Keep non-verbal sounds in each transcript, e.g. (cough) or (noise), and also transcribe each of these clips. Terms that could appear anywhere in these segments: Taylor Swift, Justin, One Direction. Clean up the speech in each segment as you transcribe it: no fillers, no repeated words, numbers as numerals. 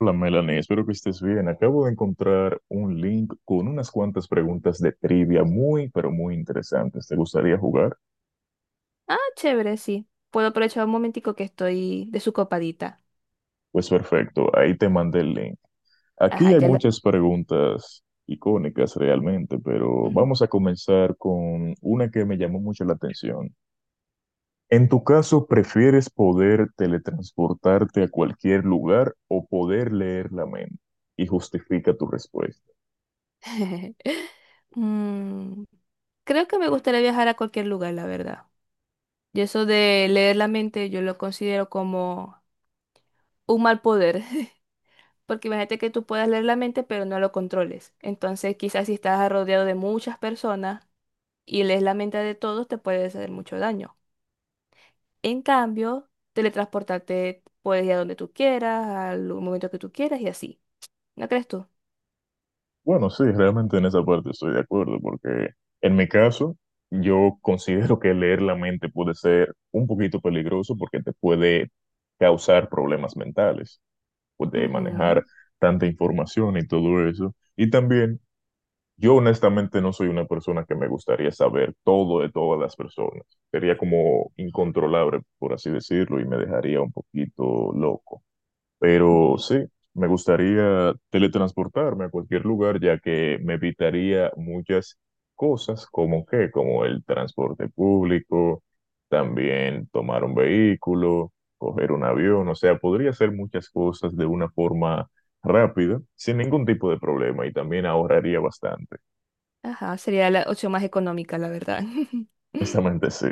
Hola Melanie, espero que estés bien. Acabo de encontrar un link con unas cuantas preguntas de trivia muy, pero muy interesantes. ¿Te gustaría jugar? Ah, chévere, sí. Puedo aprovechar un momentico que estoy de su copadita. Pues perfecto, ahí te mandé el link. Ajá, Aquí hay ya lo... muchas preguntas icónicas realmente, pero Ujú. vamos a comenzar con una que me llamó mucho la atención. En tu caso, ¿prefieres poder teletransportarte a cualquier lugar o poder leer la mente? Y justifica tu respuesta. (laughs) Mm, creo que me gustaría viajar a cualquier lugar, la verdad. Y eso de leer la mente, yo lo considero como un mal poder. (laughs) Porque imagínate que tú puedas leer la mente, pero no lo controles. Entonces, quizás si estás rodeado de muchas personas y lees la mente de todos, te puede hacer mucho daño. En cambio, teletransportarte puedes ir a donde tú quieras, al momento que tú quieras y así. ¿No crees tú? Bueno, sí, realmente en esa parte estoy de acuerdo, porque en mi caso, yo considero que leer la mente puede ser un poquito peligroso porque te puede causar problemas mentales, puede manejar Ujú, tanta información y todo eso. Y también, yo honestamente no soy una persona que me gustaría saber todo de todas las personas. Sería como incontrolable, por así decirlo, y me dejaría un poquito loco. Pero entiendo. sí, me gustaría teletransportarme a cualquier lugar, ya que me evitaría muchas cosas, como que, como el transporte público, también tomar un vehículo, coger un avión, o sea, podría hacer muchas cosas de una forma rápida, sin ningún tipo de problema, y también ahorraría bastante. Ajá, sería la opción más económica, la verdad. (laughs) (laughs) Honestamente, sí.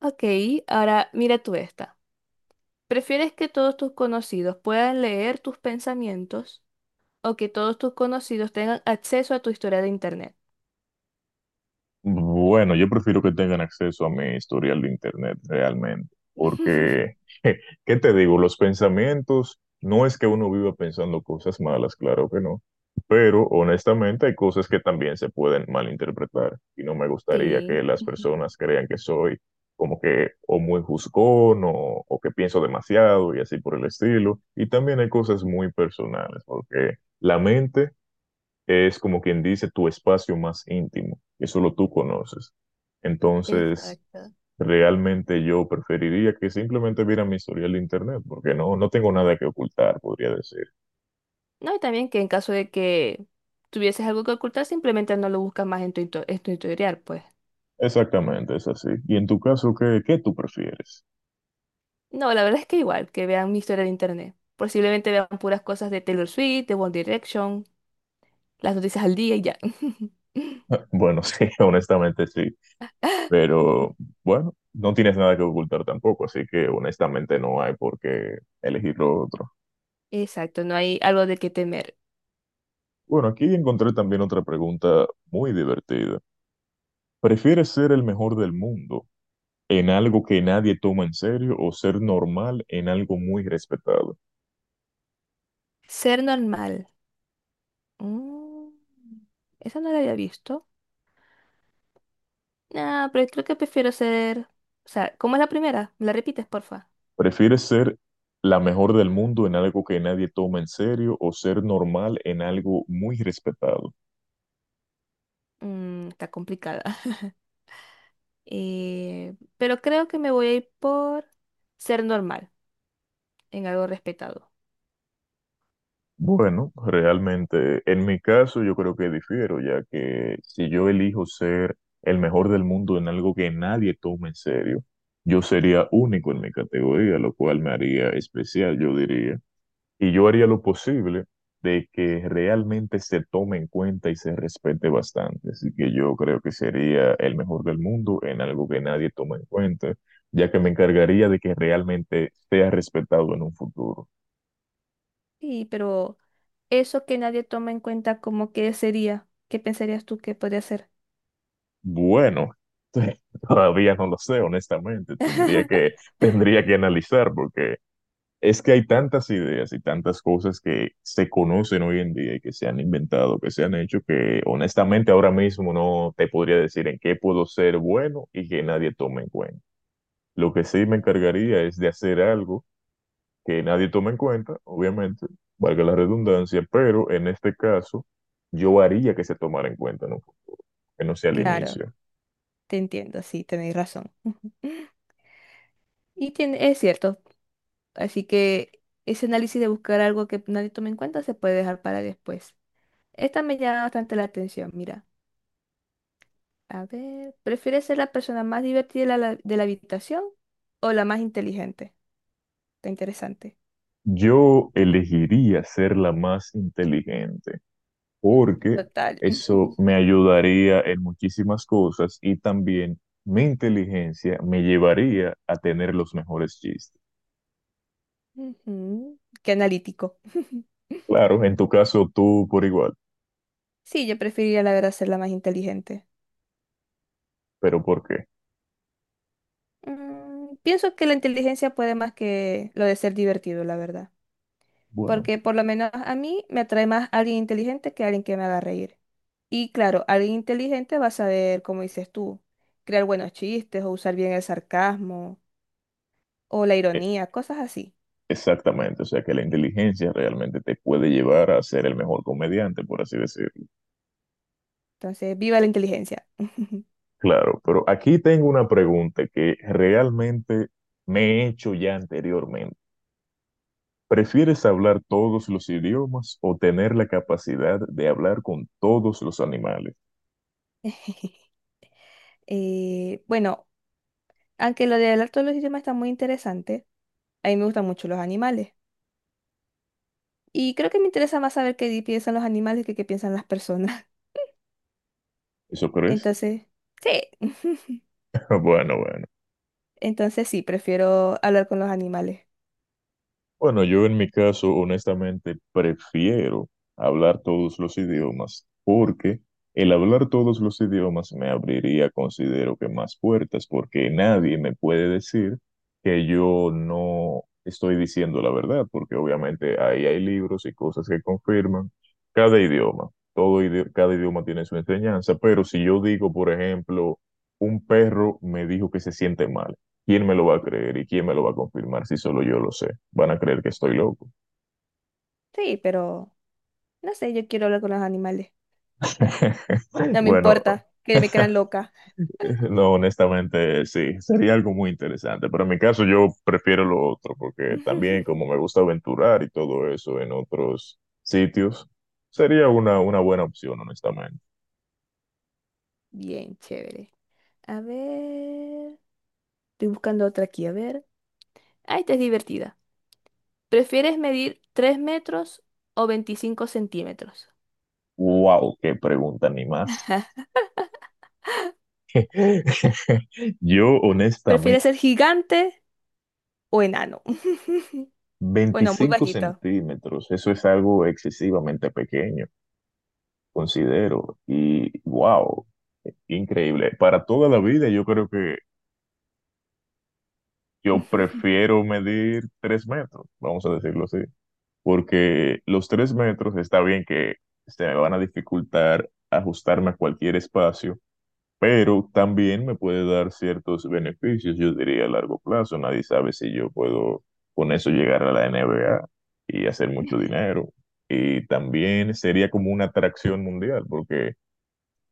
Ok, ahora mira tú esta. ¿Prefieres que todos tus conocidos puedan leer tus pensamientos o que todos tus conocidos tengan acceso a tu historia de internet? Bueno, yo prefiero que tengan acceso a mi historial de internet realmente, porque, (laughs) (laughs) ¿qué te digo? Los pensamientos, no es que uno viva pensando cosas malas, claro que no, pero honestamente hay cosas que también se pueden malinterpretar y no me gustaría Sí, que las ujú, personas crean que soy como que o muy juzgón o que pienso demasiado y así por el estilo. Y también hay cosas muy personales, porque la mente es como quien dice tu espacio más íntimo, que solo tú conoces. Entonces, exacto. realmente yo preferiría que simplemente vieran mi historial de internet, porque no tengo nada que ocultar, podría decir. No, y también que en caso de que tuvieses algo que ocultar, simplemente no lo buscas más en en tu historial, pues. Exactamente, es así. Y en tu caso, ¿qué tú prefieres? No, la verdad es que igual, que vean mi historia de internet. Posiblemente vean puras cosas de Taylor Swift, de One Direction, las noticias al día y ya. (laughs) (laughs) Bueno, sí, (laughs) honestamente sí, pero bueno, no tienes nada que ocultar tampoco, así que honestamente no hay por qué elegir lo otro. Exacto, no hay algo de qué temer. Bueno, aquí encontré también otra pregunta muy divertida. ¿Prefieres ser el mejor del mundo en algo que nadie toma en serio o ser normal en algo muy respetado? Ser normal. Mm, esa no la había visto. Ah, pero creo que prefiero ser... O sea, ¿cómo es la primera? ¿Me la repites, porfa? ¿Prefieres ser la mejor del mundo en algo que nadie toma en serio o ser normal en algo muy respetado? Mm, está complicada. (laughs) Pero creo que me voy a ir por ser normal, en algo respetado. Bueno, realmente en mi caso yo creo que difiero, ya que si yo elijo ser el mejor del mundo en algo que nadie toma en serio, yo sería único en mi categoría, lo cual me haría especial, yo diría. Y yo haría lo posible de que realmente se tome en cuenta y se respete bastante. Así que yo creo que sería el mejor del mundo en algo que nadie toma en cuenta, ya que me encargaría de que realmente sea respetado en un futuro. Sí, pero eso que nadie toma en cuenta como que sería, ¿qué pensarías tú que podría ser? Bueno, (laughs) todavía no lo sé, honestamente. Tendría que analizar porque es que hay tantas ideas y tantas cosas que se conocen hoy en día y que se han inventado, que se han hecho, que honestamente ahora mismo no te podría decir en qué puedo ser bueno y que nadie tome en cuenta. Lo que sí me encargaría es de hacer algo que nadie tome en cuenta, obviamente, valga la redundancia, pero en este caso yo haría que se tomara en cuenta, ¿no? Que no sea al Claro, inicio. te entiendo, sí, tenéis razón. (laughs) Y tiene, es cierto. Así que ese análisis de buscar algo que nadie tome en cuenta se puede dejar para después. Esta me llama bastante la atención, mira. A ver, ¿prefieres ser la persona más divertida de la habitación o la más inteligente? Está interesante. Yo elegiría ser la más inteligente porque Total. (laughs) eso me ayudaría en muchísimas cosas y también mi inteligencia me llevaría a tener los mejores chistes. Ujú. Qué analítico. (laughs) Claro, en tu caso tú por igual, Sí, yo preferiría la verdad ser la más inteligente. pero ¿por qué? Pienso que la inteligencia puede más que lo de ser divertido, la verdad. Bueno, Porque por lo menos a mí me atrae más alguien inteligente que alguien que me haga reír. Y claro, alguien inteligente va a saber, como dices tú, crear buenos chistes o usar bien el sarcasmo o la e- ironía, cosas así. exactamente, o sea que la inteligencia realmente te puede llevar a ser el mejor comediante, por así decirlo. Entonces, viva la inteligencia. (laughs) Claro, pero aquí tengo una pregunta que realmente me he hecho ya anteriormente. ¿Prefieres hablar todos los idiomas o tener la capacidad de hablar con todos los animales? (laughs) Bueno, aunque lo del arte de los idiomas está muy interesante, a mí me gustan mucho los animales. Y creo que me interesa más saber piensan los animales que qué piensan las personas. ¿Eso (laughs) crees? Entonces, sí. (laughs) (laughs) Bueno, bueno. Entonces sí, prefiero hablar con los animales. Bueno, yo en mi caso, honestamente, prefiero hablar todos los idiomas porque el hablar todos los idiomas me abriría, considero que más puertas, porque nadie me puede decir que yo no estoy diciendo la verdad, porque obviamente ahí hay libros y cosas que confirman cada idioma. Cada idioma tiene su enseñanza, pero si yo digo, por ejemplo, un perro me dijo que se siente mal. ¿Quién me lo va a creer y quién me lo va a confirmar si solo yo lo sé? Van a creer que estoy loco. Sí, pero no sé, yo quiero hablar con los animales. (laughs) No me Bueno, importa que me crean loca. no, honestamente sí, sería algo muy interesante, pero en mi caso yo prefiero lo otro porque también como me (laughs) gusta aventurar y todo eso en otros sitios, sería una buena opción, honestamente. Bien, chévere. A ver. Estoy buscando otra aquí, a ver. Ah, esta es divertida. ¿Prefieres medir 3 metros o 25 centímetros? Wow, qué pregunta, ni más. (laughs) Yo ¿Prefieres honestamente, ser gigante o enano? (laughs) Bueno, muy 25 bajito. centímetros, eso es algo excesivamente pequeño considero. Y wow, increíble. Para toda la vida yo creo que yo (laughs) prefiero medir 3 metros, vamos a decirlo así, porque los 3 metros está bien que se me van a dificultar ajustarme a cualquier espacio, pero también me puede dar ciertos beneficios, yo diría a largo plazo. Nadie sabe si yo puedo con eso llegar a la NBA y hacer mucho dinero. Y también sería como una atracción mundial, porque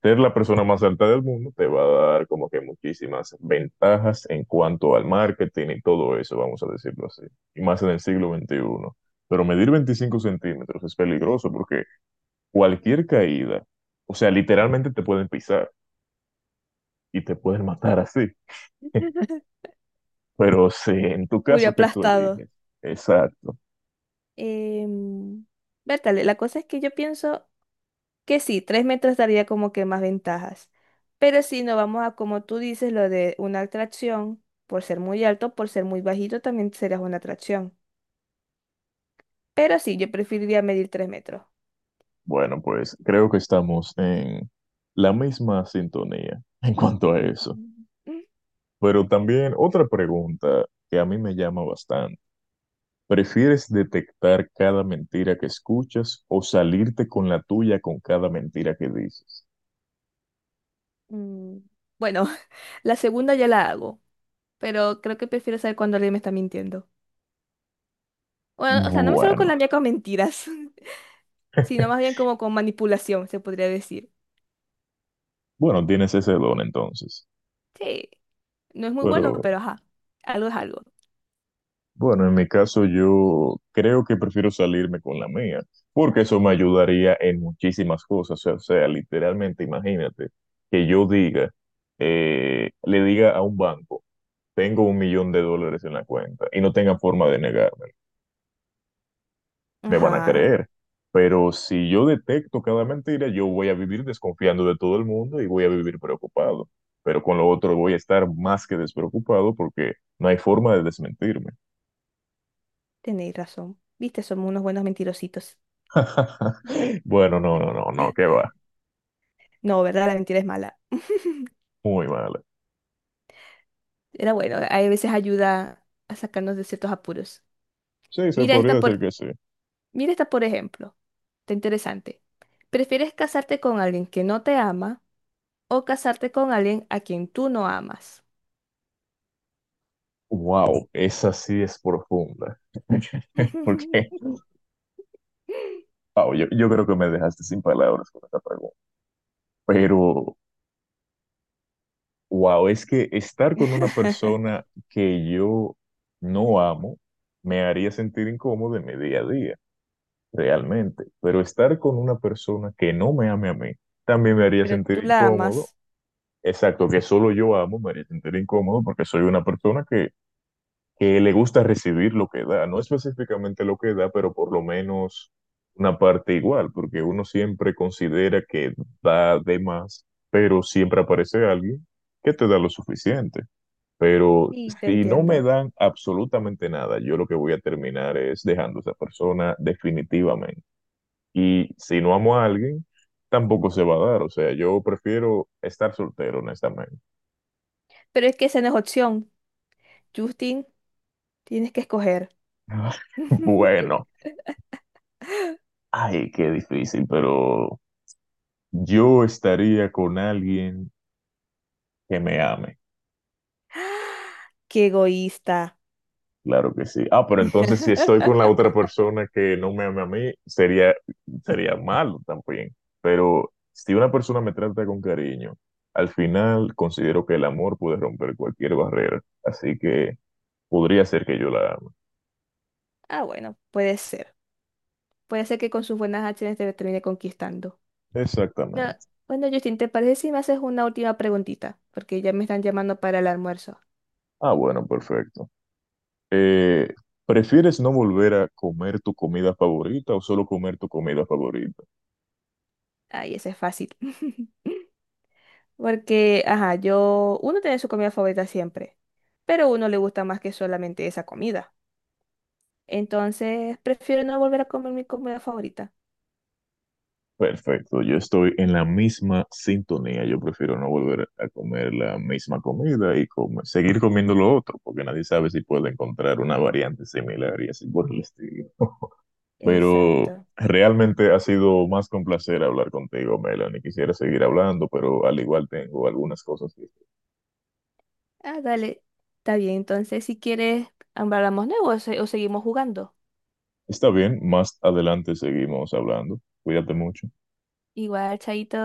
ser la persona más alta del mundo te va a dar como que muchísimas ventajas en cuanto al marketing y todo eso, vamos a decirlo así, y más en el siglo XXI. Pero medir 25 centímetros es peligroso porque cualquier caída, o sea, literalmente te pueden pisar y te pueden matar así. (laughs) Pero sí, en tu Muy caso que tú aplastado. eliges, exacto. Em, Bertale, la cosa es que yo pienso que sí, 3 metros daría como que más ventajas. Pero si no vamos a, como tú dices, lo de una atracción, por ser muy alto, por ser muy bajito, también serías una atracción. Pero sí, yo preferiría medir 3 metros. Bueno, pues creo que estamos en la misma sintonía en cuanto a eso. Ujú. Pero también otra pregunta que a mí me llama bastante. ¿Prefieres detectar cada mentira que escuchas o salirte con la tuya con cada mentira que dices? Mm, Bueno, (laughs) la segunda ya la hago, pero creo que prefiero saber cuando alguien me está mintiendo. Bueno, o sea, no me salgo con Bueno, la mía con mentiras, (laughs) sino más bien (laughs) como con manipulación, se podría decir. bueno, tienes ese don entonces. Sí, no es muy bueno, Pero pero ajá, algo es algo. bueno, en mi caso yo creo que prefiero salirme con la mía, porque eso me ayudaría en muchísimas cosas. O sea, literalmente imagínate que yo diga, le diga a un banco, tengo $1,000,000 en la cuenta y no tenga forma de negarme. Me van a Ajá. creer. Pero si yo detecto cada mentira, yo voy a vivir desconfiando de todo el mundo y voy a vivir preocupado. Pero con lo otro voy a estar más que despreocupado porque no hay forma de desmentirme. Tenéis razón. Viste, somos unos buenos mentirositos. (laughs) Bueno, no, no, no, no, qué va. No, ¿verdad? La mentira es mala. Muy mal. Era bueno, a veces ayuda a sacarnos de ciertos apuros. Sí, se Mira podría esta decir por, que sí. mira esta por ejemplo. Está interesante. ¿Prefieres casarte con alguien que no te ama o casarte con alguien a quien tú no amas? Wow, esa sí es profunda. (laughs) Porque, (laughs) wow, yo creo que me dejaste sin palabras con esta pregunta. Pero wow, es que estar con una persona que yo no amo me haría sentir incómodo en mi día a día, realmente. Pero estar con una persona que no me ame a mí también me haría Pero tú sentir la incómodo. amas. Exacto, que solo yo amo me haría sentir incómodo porque soy una persona que le gusta recibir lo que da. No específicamente lo que da, pero por lo menos una parte igual, porque uno siempre considera que da de más, pero siempre aparece alguien que te da lo suficiente. Pero Sí, te si no me entiendo. dan absolutamente nada, yo lo que voy a terminar es dejando a esa persona definitivamente. Y si no amo a alguien, tampoco se va a dar. O sea, yo prefiero estar soltero, honestamente. Pero es que esa no es opción. Justin, tienes que escoger. (laughs) (laughs) Bueno, ay, qué difícil, pero yo estaría con alguien que me ame. Qué egoísta. Claro que sí. Ah, pero entonces si estoy (laughs) con la otra persona que no me ama a mí, sería malo también. Pero si una persona me trata con cariño, al final considero que el amor puede romper cualquier barrera. Así que podría ser que yo la ame. Ah, bueno, puede ser. Puede ser que con sus buenas acciones te termine conquistando. No, Exactamente. bueno, Justin, ¿te parece si me haces una última preguntita? Porque ya me están llamando para el almuerzo. Ah, bueno, perfecto. Eh, ¿Prefieres no volver a comer tu comida favorita o solo comer tu comida favorita? Ay, ese es fácil. (laughs) Porque, ajá, yo, uno tiene su comida favorita siempre, pero a uno le gusta más que solamente esa comida. Entonces, prefiero no volver a comer mi comida favorita. Perfecto, yo estoy en la misma sintonía. Yo prefiero no volver a comer la misma comida y comer, seguir comiendo lo otro, porque nadie sabe si puede encontrar una variante similar y así por el estilo. Pero Exacto. realmente ha sido más que un placer hablar contigo, Melanie. Quisiera seguir hablando, pero al igual tengo algunas cosas que... Ah, dale. Está bien, entonces si quieres, hablamos nuevo o seguimos jugando. Está bien, más adelante seguimos hablando. Cuídate mucho. Igual, chaito.